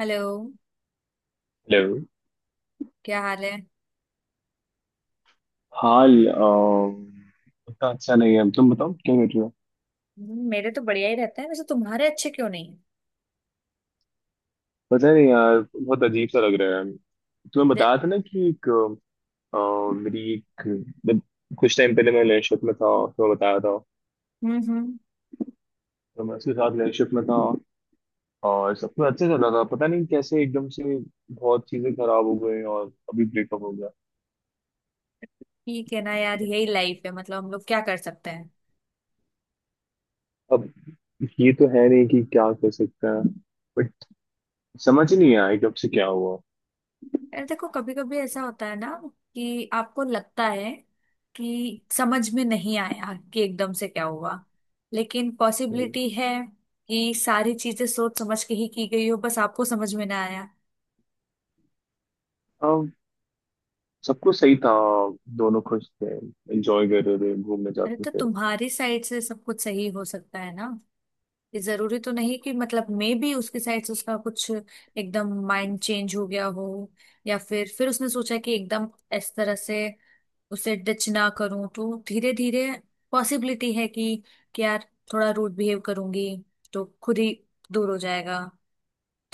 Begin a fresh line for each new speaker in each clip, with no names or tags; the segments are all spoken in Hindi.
हेलो।
हेलो।
क्या हाल है।
हाल उतना अच्छा नहीं है। तुम बताओ क्या कर रहे हो?
मेरे तो बढ़िया ही रहते हैं, वैसे तुम्हारे अच्छे क्यों नहीं है।
पता नहीं यार, बहुत अजीब सा लग रहा है। तुम्हें
जे-
बताया था ना कि एक अ, मेरी एक जब कुछ टाइम पहले मैं रिलेशनशिप में था। तुम्हें बताया था।
हम्म।
तो मैं उसके साथ रिलेशनशिप में था और सब कुछ अच्छा चल रहा था। पता नहीं कैसे एकदम से बहुत चीजें खराब हो गई और अभी ब्रेकअप हो गया।
ठीक है ना, यार यही लाइफ है, मतलब हम लोग क्या कर सकते हैं।
अब ये तो है नहीं कि क्या कर सकते हैं, बट समझ ही नहीं आया एकदम से क्या हुआ।
यार देखो, कभी कभी ऐसा होता है ना कि आपको लगता है कि समझ में नहीं आया कि एकदम से क्या हुआ, लेकिन
हम्म।
पॉसिबिलिटी है कि सारी चीजें सोच समझ के ही की गई हो, बस आपको समझ में ना आया।
अब सब कुछ सही था। दोनों खुश थे, एंजॉय कर रहे थे, घूमने
अरे
जाते
तो
थे।
तुम्हारी साइड से सब कुछ सही हो सकता है ना, ये जरूरी तो नहीं कि मतलब मे भी उसकी साइड से उसका कुछ एकदम माइंड चेंज हो गया हो। या फिर उसने सोचा कि एकदम इस तरह से उसे डिच ना करूं, तो धीरे धीरे पॉसिबिलिटी है कि यार थोड़ा रूड बिहेव करूंगी तो खुद ही दूर हो जाएगा।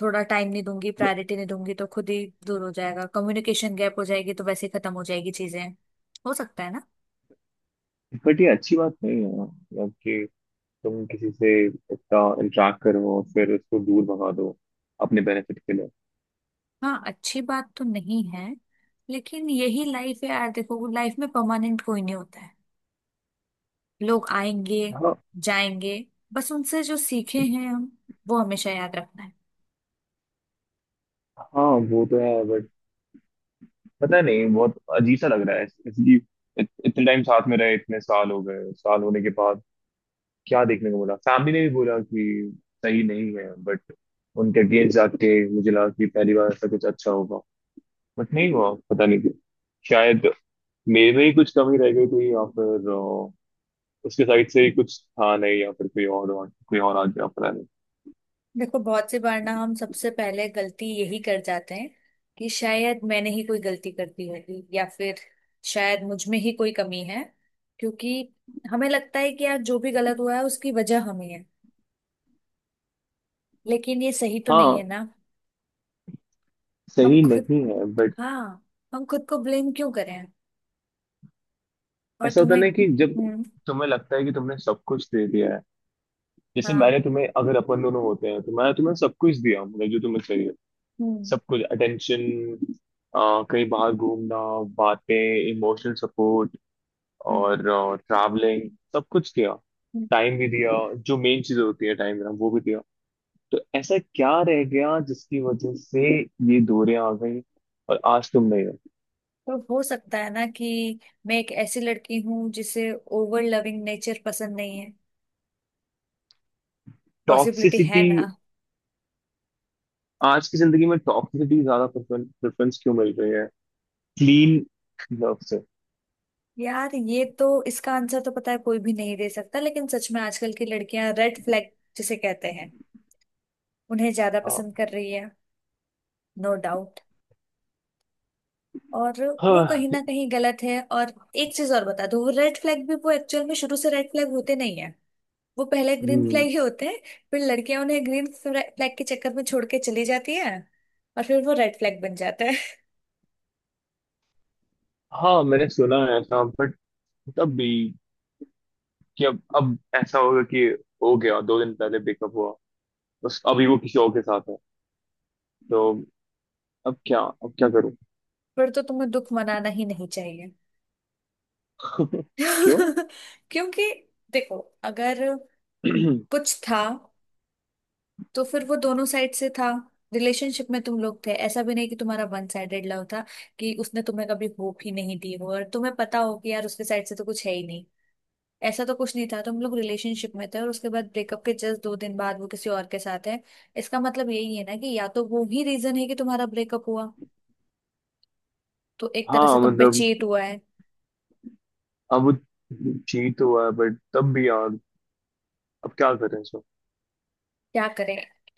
थोड़ा टाइम नहीं दूंगी, प्रायोरिटी नहीं दूंगी तो खुद ही दूर हो जाएगा, कम्युनिकेशन गैप हो जाएगी तो वैसे ही खत्म हो जाएगी चीजें। हो सकता है ना।
बट ये अच्छी बात नहीं है, मतलब कि तुम किसी से इतना इंटरेक्ट करो और फिर उसको दूर भगा दो अपने बेनिफिट के लिए।
हाँ, अच्छी बात तो नहीं है, लेकिन यही लाइफ है यार। देखो, लाइफ में परमानेंट कोई नहीं होता है। लोग आएंगे,
हाँ,
जाएंगे, बस उनसे जो सीखे हैं हम, वो हमेशा याद रखना है।
हाँ वो तो है। पता नहीं, बहुत अजीब सा लग रहा है जैसे कि इतने टाइम साथ में रहे। इतने साल हो गए, साल होने के बाद क्या देखने को मिला। फैमिली ने भी बोला कि सही नहीं है, बट उनके अगेंस्ट जाके मुझे लगा कि पहली बार ऐसा कुछ अच्छा होगा। बट नहीं हुआ, पता नहीं क्यों। शायद मेरे में ही कुछ कमी रह गई थी या फिर उसके साइड से ही कुछ था नहीं या फिर कोई और आ गया, पता नहीं।
देखो, बहुत सी बार ना हम सबसे पहले गलती यही कर जाते हैं कि शायद मैंने ही कोई गलती कर दी होगी, या फिर शायद मुझ में ही कोई कमी है। क्योंकि हमें लगता है कि यार जो भी गलत हुआ है उसकी वजह हमें है, लेकिन ये सही तो नहीं है
हाँ
ना। हम
सही
खुद
नहीं है बट
हाँ, हम खुद को ब्लेम क्यों करें। और
ऐसा होता है
तुम्हें,
ना कि जब
हम्म।
तुम्हें लगता है कि तुमने सब कुछ दे दिया है। जैसे
हाँ।
मैंने तुम्हें, अगर अपन दोनों होते हैं तो मैं तुम्हें सब कुछ दिया हूँ, मतलब जो तुम्हें चाहिए।
हम्म
सब कुछ, अटेंशन, कहीं बाहर घूमना, बातें, इमोशनल सपोर्ट
हम्म,
और ट्रैवलिंग, सब कुछ किया।
हम्म।
टाइम भी दिया, जो मेन चीज होती है टाइम देना, वो भी दिया। तो ऐसा क्या रह गया जिसकी वजह से ये दूरियां आ गई और आज तुम नहीं हो।
तो हो सकता है ना कि मैं एक ऐसी लड़की हूँ जिसे ओवर लविंग नेचर पसंद नहीं है, पॉसिबिलिटी है
टॉक्सिसिटी।
ना।
आज की जिंदगी में टॉक्सिसिटी ज्यादा प्रेफरेंस क्यों मिल रही है क्लीन लव से?
यार ये तो इसका आंसर तो पता है कोई भी नहीं दे सकता, लेकिन सच में आजकल की लड़कियां रेड फ्लैग जिसे कहते हैं, उन्हें ज्यादा
हाँ,
पसंद कर रही है। No doubt. और वो कहीं ना
हाँ।
कहीं गलत है, और एक चीज और बता दूं, वो रेड फ्लैग भी वो एक्चुअल में शुरू से रेड फ्लैग होते नहीं है, वो पहले ग्रीन फ्लैग
हम्म।
ही होते हैं। फिर लड़कियां उन्हें ग्रीन फ्लैग के चक्कर में छोड़ के चली जाती है, और फिर वो रेड फ्लैग बन जाता है।
हाँ, मैंने सुना है ऐसा बट तब भी कि अब ऐसा होगा कि हो गया। दो दिन पहले ब्रेकअप हुआ, बस अभी वो किसी और के साथ है। तो अब क्या, अब क्या करूं?
फिर तो तुम्हें दुख मनाना ही नहीं चाहिए।
क्यों?
क्योंकि देखो, अगर कुछ था तो फिर वो दोनों साइड से था। रिलेशनशिप में तुम लोग थे, ऐसा भी नहीं कि तुम्हारा वन साइडेड लव था, कि उसने तुम्हें कभी होप ही नहीं दी हो और तुम्हें पता हो कि यार उसके साइड से तो कुछ है ही नहीं। ऐसा तो कुछ नहीं था, तुम लोग रिलेशनशिप में थे और उसके बाद ब्रेकअप के जस्ट दो दिन बाद वो किसी और के साथ है। इसका मतलब यही है ना कि या तो वो ही रीजन है कि तुम्हारा ब्रेकअप हुआ, तो एक तरह से
हाँ
तुम पे
मतलब
चेट हुआ है।
अब वो जीत हुआ है, बट तब भी यार अब क्या करें सो।
क्या करें,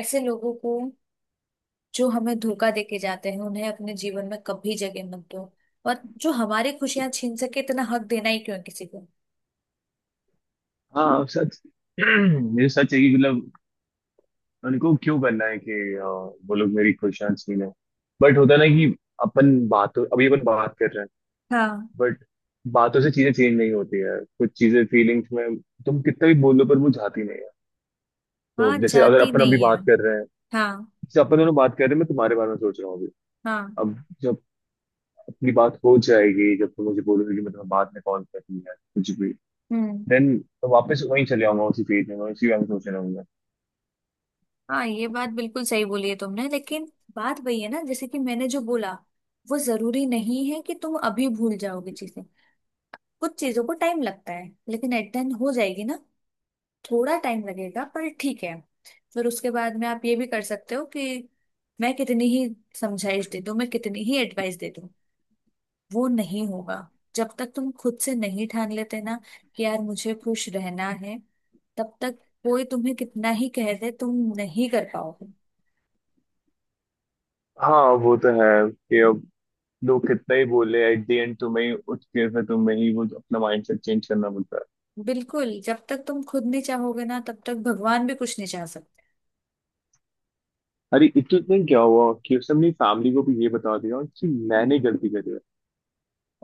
ऐसे लोगों को जो हमें धोखा देके जाते हैं, उन्हें अपने जीवन में कभी जगह मत दो। और जो हमारी खुशियां छीन सके, इतना हक देना ही क्यों है किसी को।
हाँ सच। ये सच है कि मतलब उनको क्यों करना है कि वो लोग मेरी खुशियां छीने। बट होता ना कि अपन बातों, अभी अपन बात कर रहे हैं
हाँ।
बट बातों से चीजें चेंज नहीं होती है। कुछ चीजें फीलिंग्स में, तुम कितना भी बोलो पर वो जाती नहीं है।
हाँ,
तो जैसे अगर
जाति
अपन अभी
नहीं है।
बात कर रहे हैं,
हाँ।
जैसे अपन दोनों बात कर रहे हैं, मैं तुम्हारे बारे में सोच रहा हूँ अभी।
हाँ,
अब जब अपनी बात हो जाएगी, जब तुम मुझे बोलोगे कि मतलब बाद में कॉल करनी है कुछ भी,
हम्म।
देन तो वापस वहीं चले आऊंगा उसी फील्ड में, मैं उसी बारे में सोच रहा हूँ।
हाँ, ये बात बिल्कुल सही बोली है तुमने, लेकिन बात वही है ना, जैसे कि मैंने जो बोला, वो जरूरी नहीं है कि तुम अभी भूल जाओगे चीजें। कुछ चीजों को टाइम लगता है, लेकिन एट द एंड हो जाएगी ना, थोड़ा टाइम लगेगा पर ठीक है। फिर उसके बाद में आप ये भी कर सकते हो कि मैं कितनी ही समझाइश दे दूं, मैं कितनी ही एडवाइस दे दूं, वो नहीं होगा जब तक तुम खुद से नहीं ठान लेते ना कि यार मुझे खुश रहना है। तब तक कोई तुम्हें कितना ही कह दे, तुम नहीं कर पाओगे।
हाँ वो तो है कि अब लोग कितना ही बोले, एट द एंड तुम्हें ही उठ के फिर तुम्हें ही वो अपना माइंडसेट चेंज करना पड़ता है।
बिल्कुल, जब तक तुम खुद नहीं चाहोगे ना, तब तक भगवान भी कुछ नहीं चाह सकते।
अरे इतने दिन क्या हुआ कि उसने अपनी फैमिली को भी ये बता दिया कि मैंने गलती करी है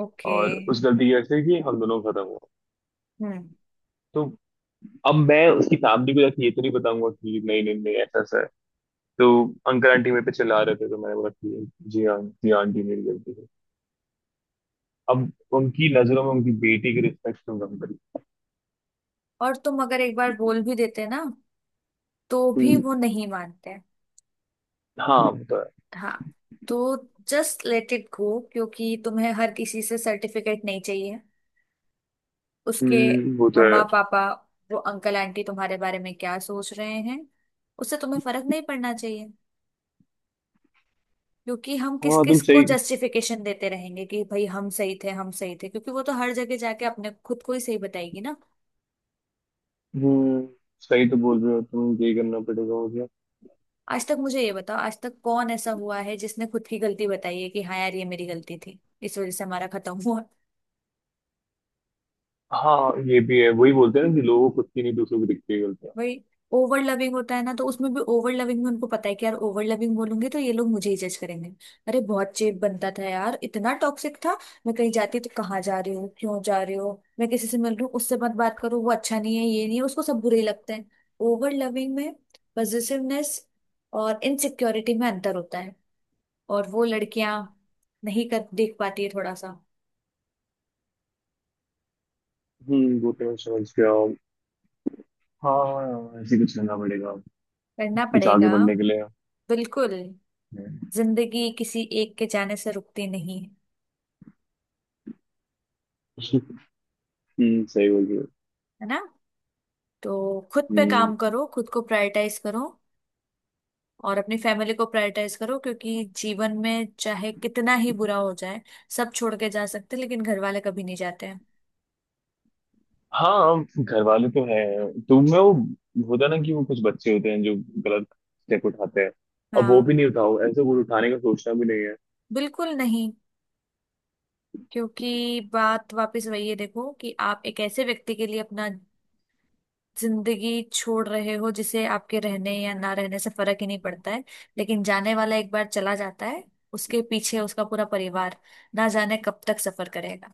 ओके।
और उस गलती की वजह से कि हम दोनों खत्म हुआ।
हम्म।
तो अब मैं उसकी फैमिली को जाके ये तो नहीं बताऊंगा कि नहीं नहीं नहीं ऐसा ऐसा है। तो अंकल आंटी मेरे पे चिल्ला रहे थे तो मैंने बोला कि जी हाँ, जी हाँ, आंटी मेरी गलती है। अब उनकी नजरों में उनकी बेटी की रिस्पेक्ट क्यों कम करी।
और तुम अगर एक बार बोल भी देते ना, तो भी
हम्म,
वो नहीं मानते।
हाँ वो तो है।
हाँ। तो जस्ट लेट इट गो, क्योंकि तुम्हें हर किसी से सर्टिफिकेट नहीं चाहिए। उसके
वो तो है।
मम्मा पापा, वो अंकल आंटी तुम्हारे बारे में क्या सोच रहे हैं, उससे तुम्हें फर्क नहीं पड़ना चाहिए। क्योंकि हम किस
हाँ
किस
तुम
को
सही।
जस्टिफिकेशन देते रहेंगे कि भाई हम सही थे, हम सही थे, क्योंकि वो तो हर जगह जाके अपने खुद को ही सही बताएगी ना।
हम्म, सही तो बोल रहे हो तुम, ये करना पड़ेगा मुझे।
आज तक मुझे ये बताओ, आज तक कौन ऐसा हुआ है जिसने खुद की गलती बताई है कि हाँ यार, ये मेरी गलती थी, इस वजह से हमारा खत्म हुआ।
हाँ ये भी है, वही बोलते हैं ना कि लोगों को खुद की नहीं दूसरों को दिखती है गलतियाँ।
वही। ओवर लविंग होता है ना, तो उसमें भी ओवर लविंग में उनको पता है कि यार ओवर लविंग बोलूंगी तो ये लोग मुझे ही जज करेंगे। अरे बहुत चेप बनता था यार, इतना टॉक्सिक था। मैं कहीं जाती तो कहाँ जा रही हो, क्यों जा रही हो, मैं किसी से मिल रही हूँ, उससे मत बात करो, वो अच्छा नहीं है, ये नहीं है, उसको सब बुरे ही लगते हैं। ओवर लविंग में पजेसिवनेस और इनसिक्योरिटी में अंतर होता है, और वो लड़कियां नहीं कर देख पाती है थोड़ा सा।
वो तो मैं समझ गया। हाँ ऐसे कुछ करना पड़ेगा
करना
कुछ आगे
पड़ेगा।
बढ़ने के लिए।
बिल्कुल।
हम्म।
जिंदगी किसी एक के जाने से रुकती नहीं है,
सही बोल रहे हो।
है ना। तो खुद पे
हम्म।
काम करो, खुद को प्रायोरिटाइज करो, और अपनी फैमिली को प्रायोरिटाइज करो, क्योंकि जीवन में चाहे कितना ही बुरा हो जाए, सब छोड़ के जा सकते हैं, लेकिन घर वाले कभी नहीं जाते हैं।
हाँ घर वाले तो हैं। तो मैं वो, होता ना कि वो कुछ बच्चे होते हैं जो गलत स्टेप उठाते हैं। अब वो
हाँ।
भी नहीं उठाओ, ऐसे कुछ उठाने का सोचना भी नहीं है।
बिल्कुल नहीं, क्योंकि बात वापस वही है, देखो कि आप एक ऐसे व्यक्ति के लिए अपना जिंदगी छोड़ रहे हो जिसे आपके रहने या ना रहने से फर्क ही नहीं पड़ता है। लेकिन जाने वाला एक बार चला जाता है, उसके पीछे उसका पूरा परिवार ना जाने कब तक सफर करेगा।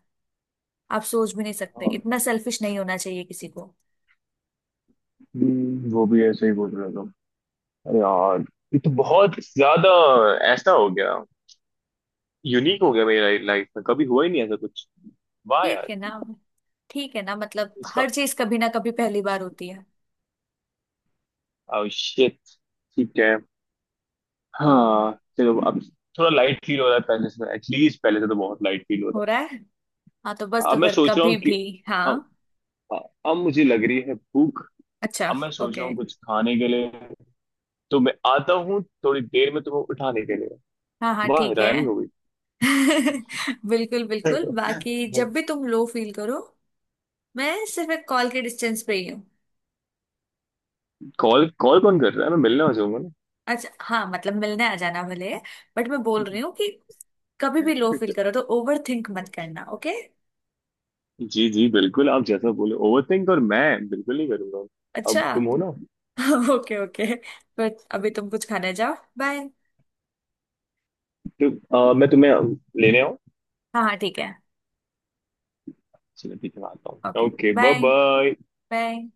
आप सोच भी नहीं सकते,
हाँ,
इतना सेल्फिश नहीं होना चाहिए किसी को।
वो भी ऐसे ही बोल रहा था। अरे यार ये तो बहुत ज्यादा ऐसा हो गया, यूनिक हो गया, मेरी लाइफ में कभी हुआ ही नहीं ऐसा कुछ। वाह
ठीक
यार।
है ना। ठीक है ना, मतलब
इसका
हर चीज कभी ना कभी पहली बार होती है।
oh shit। ठीक है।
तो
हाँ। चलो अब थोड़ा लाइट फील हो रहा है पहले से, एटलीस्ट पहले से तो बहुत लाइट फील हो रहा
हो रहा है। हाँ, तो बस,
है। अब
तो
मैं
फिर
सोच रहा
कभी
हूँ कि
भी। हाँ।
हाँ, अब मुझे लग रही है भूख।
अच्छा।
अब मैं सोच रहा
ओके।
हूँ कुछ खाने के लिए। तो मैं आता हूँ थोड़ी देर में तुम्हें उठाने के लिए।
हाँ हाँ,
वाह
ठीक है।
राइमिंग हो गई।
बिल्कुल बिल्कुल, बाकी जब भी तुम लो फील करो, मैं सिर्फ एक कॉल के डिस्टेंस पे ही हूँ।
कॉल कॉल कौन कर रहा है, मैं मिलने आ जाऊंगा ना।
अच्छा, हाँ, मतलब मिलने आ जाना भले, बट मैं बोल रही हूँ कि कभी भी लो फील करो तो ओवर थिंक मत करना, ओके।
जी जी बिल्कुल, आप जैसा बोले, ओवरथिंक और मैं बिल्कुल नहीं करूंगा।
अच्छा।
अब तुम हो ना।
ओके ओके, बट अभी तुम कुछ खाने जाओ, बाय।
तो मैं तुम्हें लेने आऊँ?
हाँ हाँ, ठीक है।
चलो ठीक है, मैं आता हूँ
okay.
Okay bye
bye.
Bye.
Bye.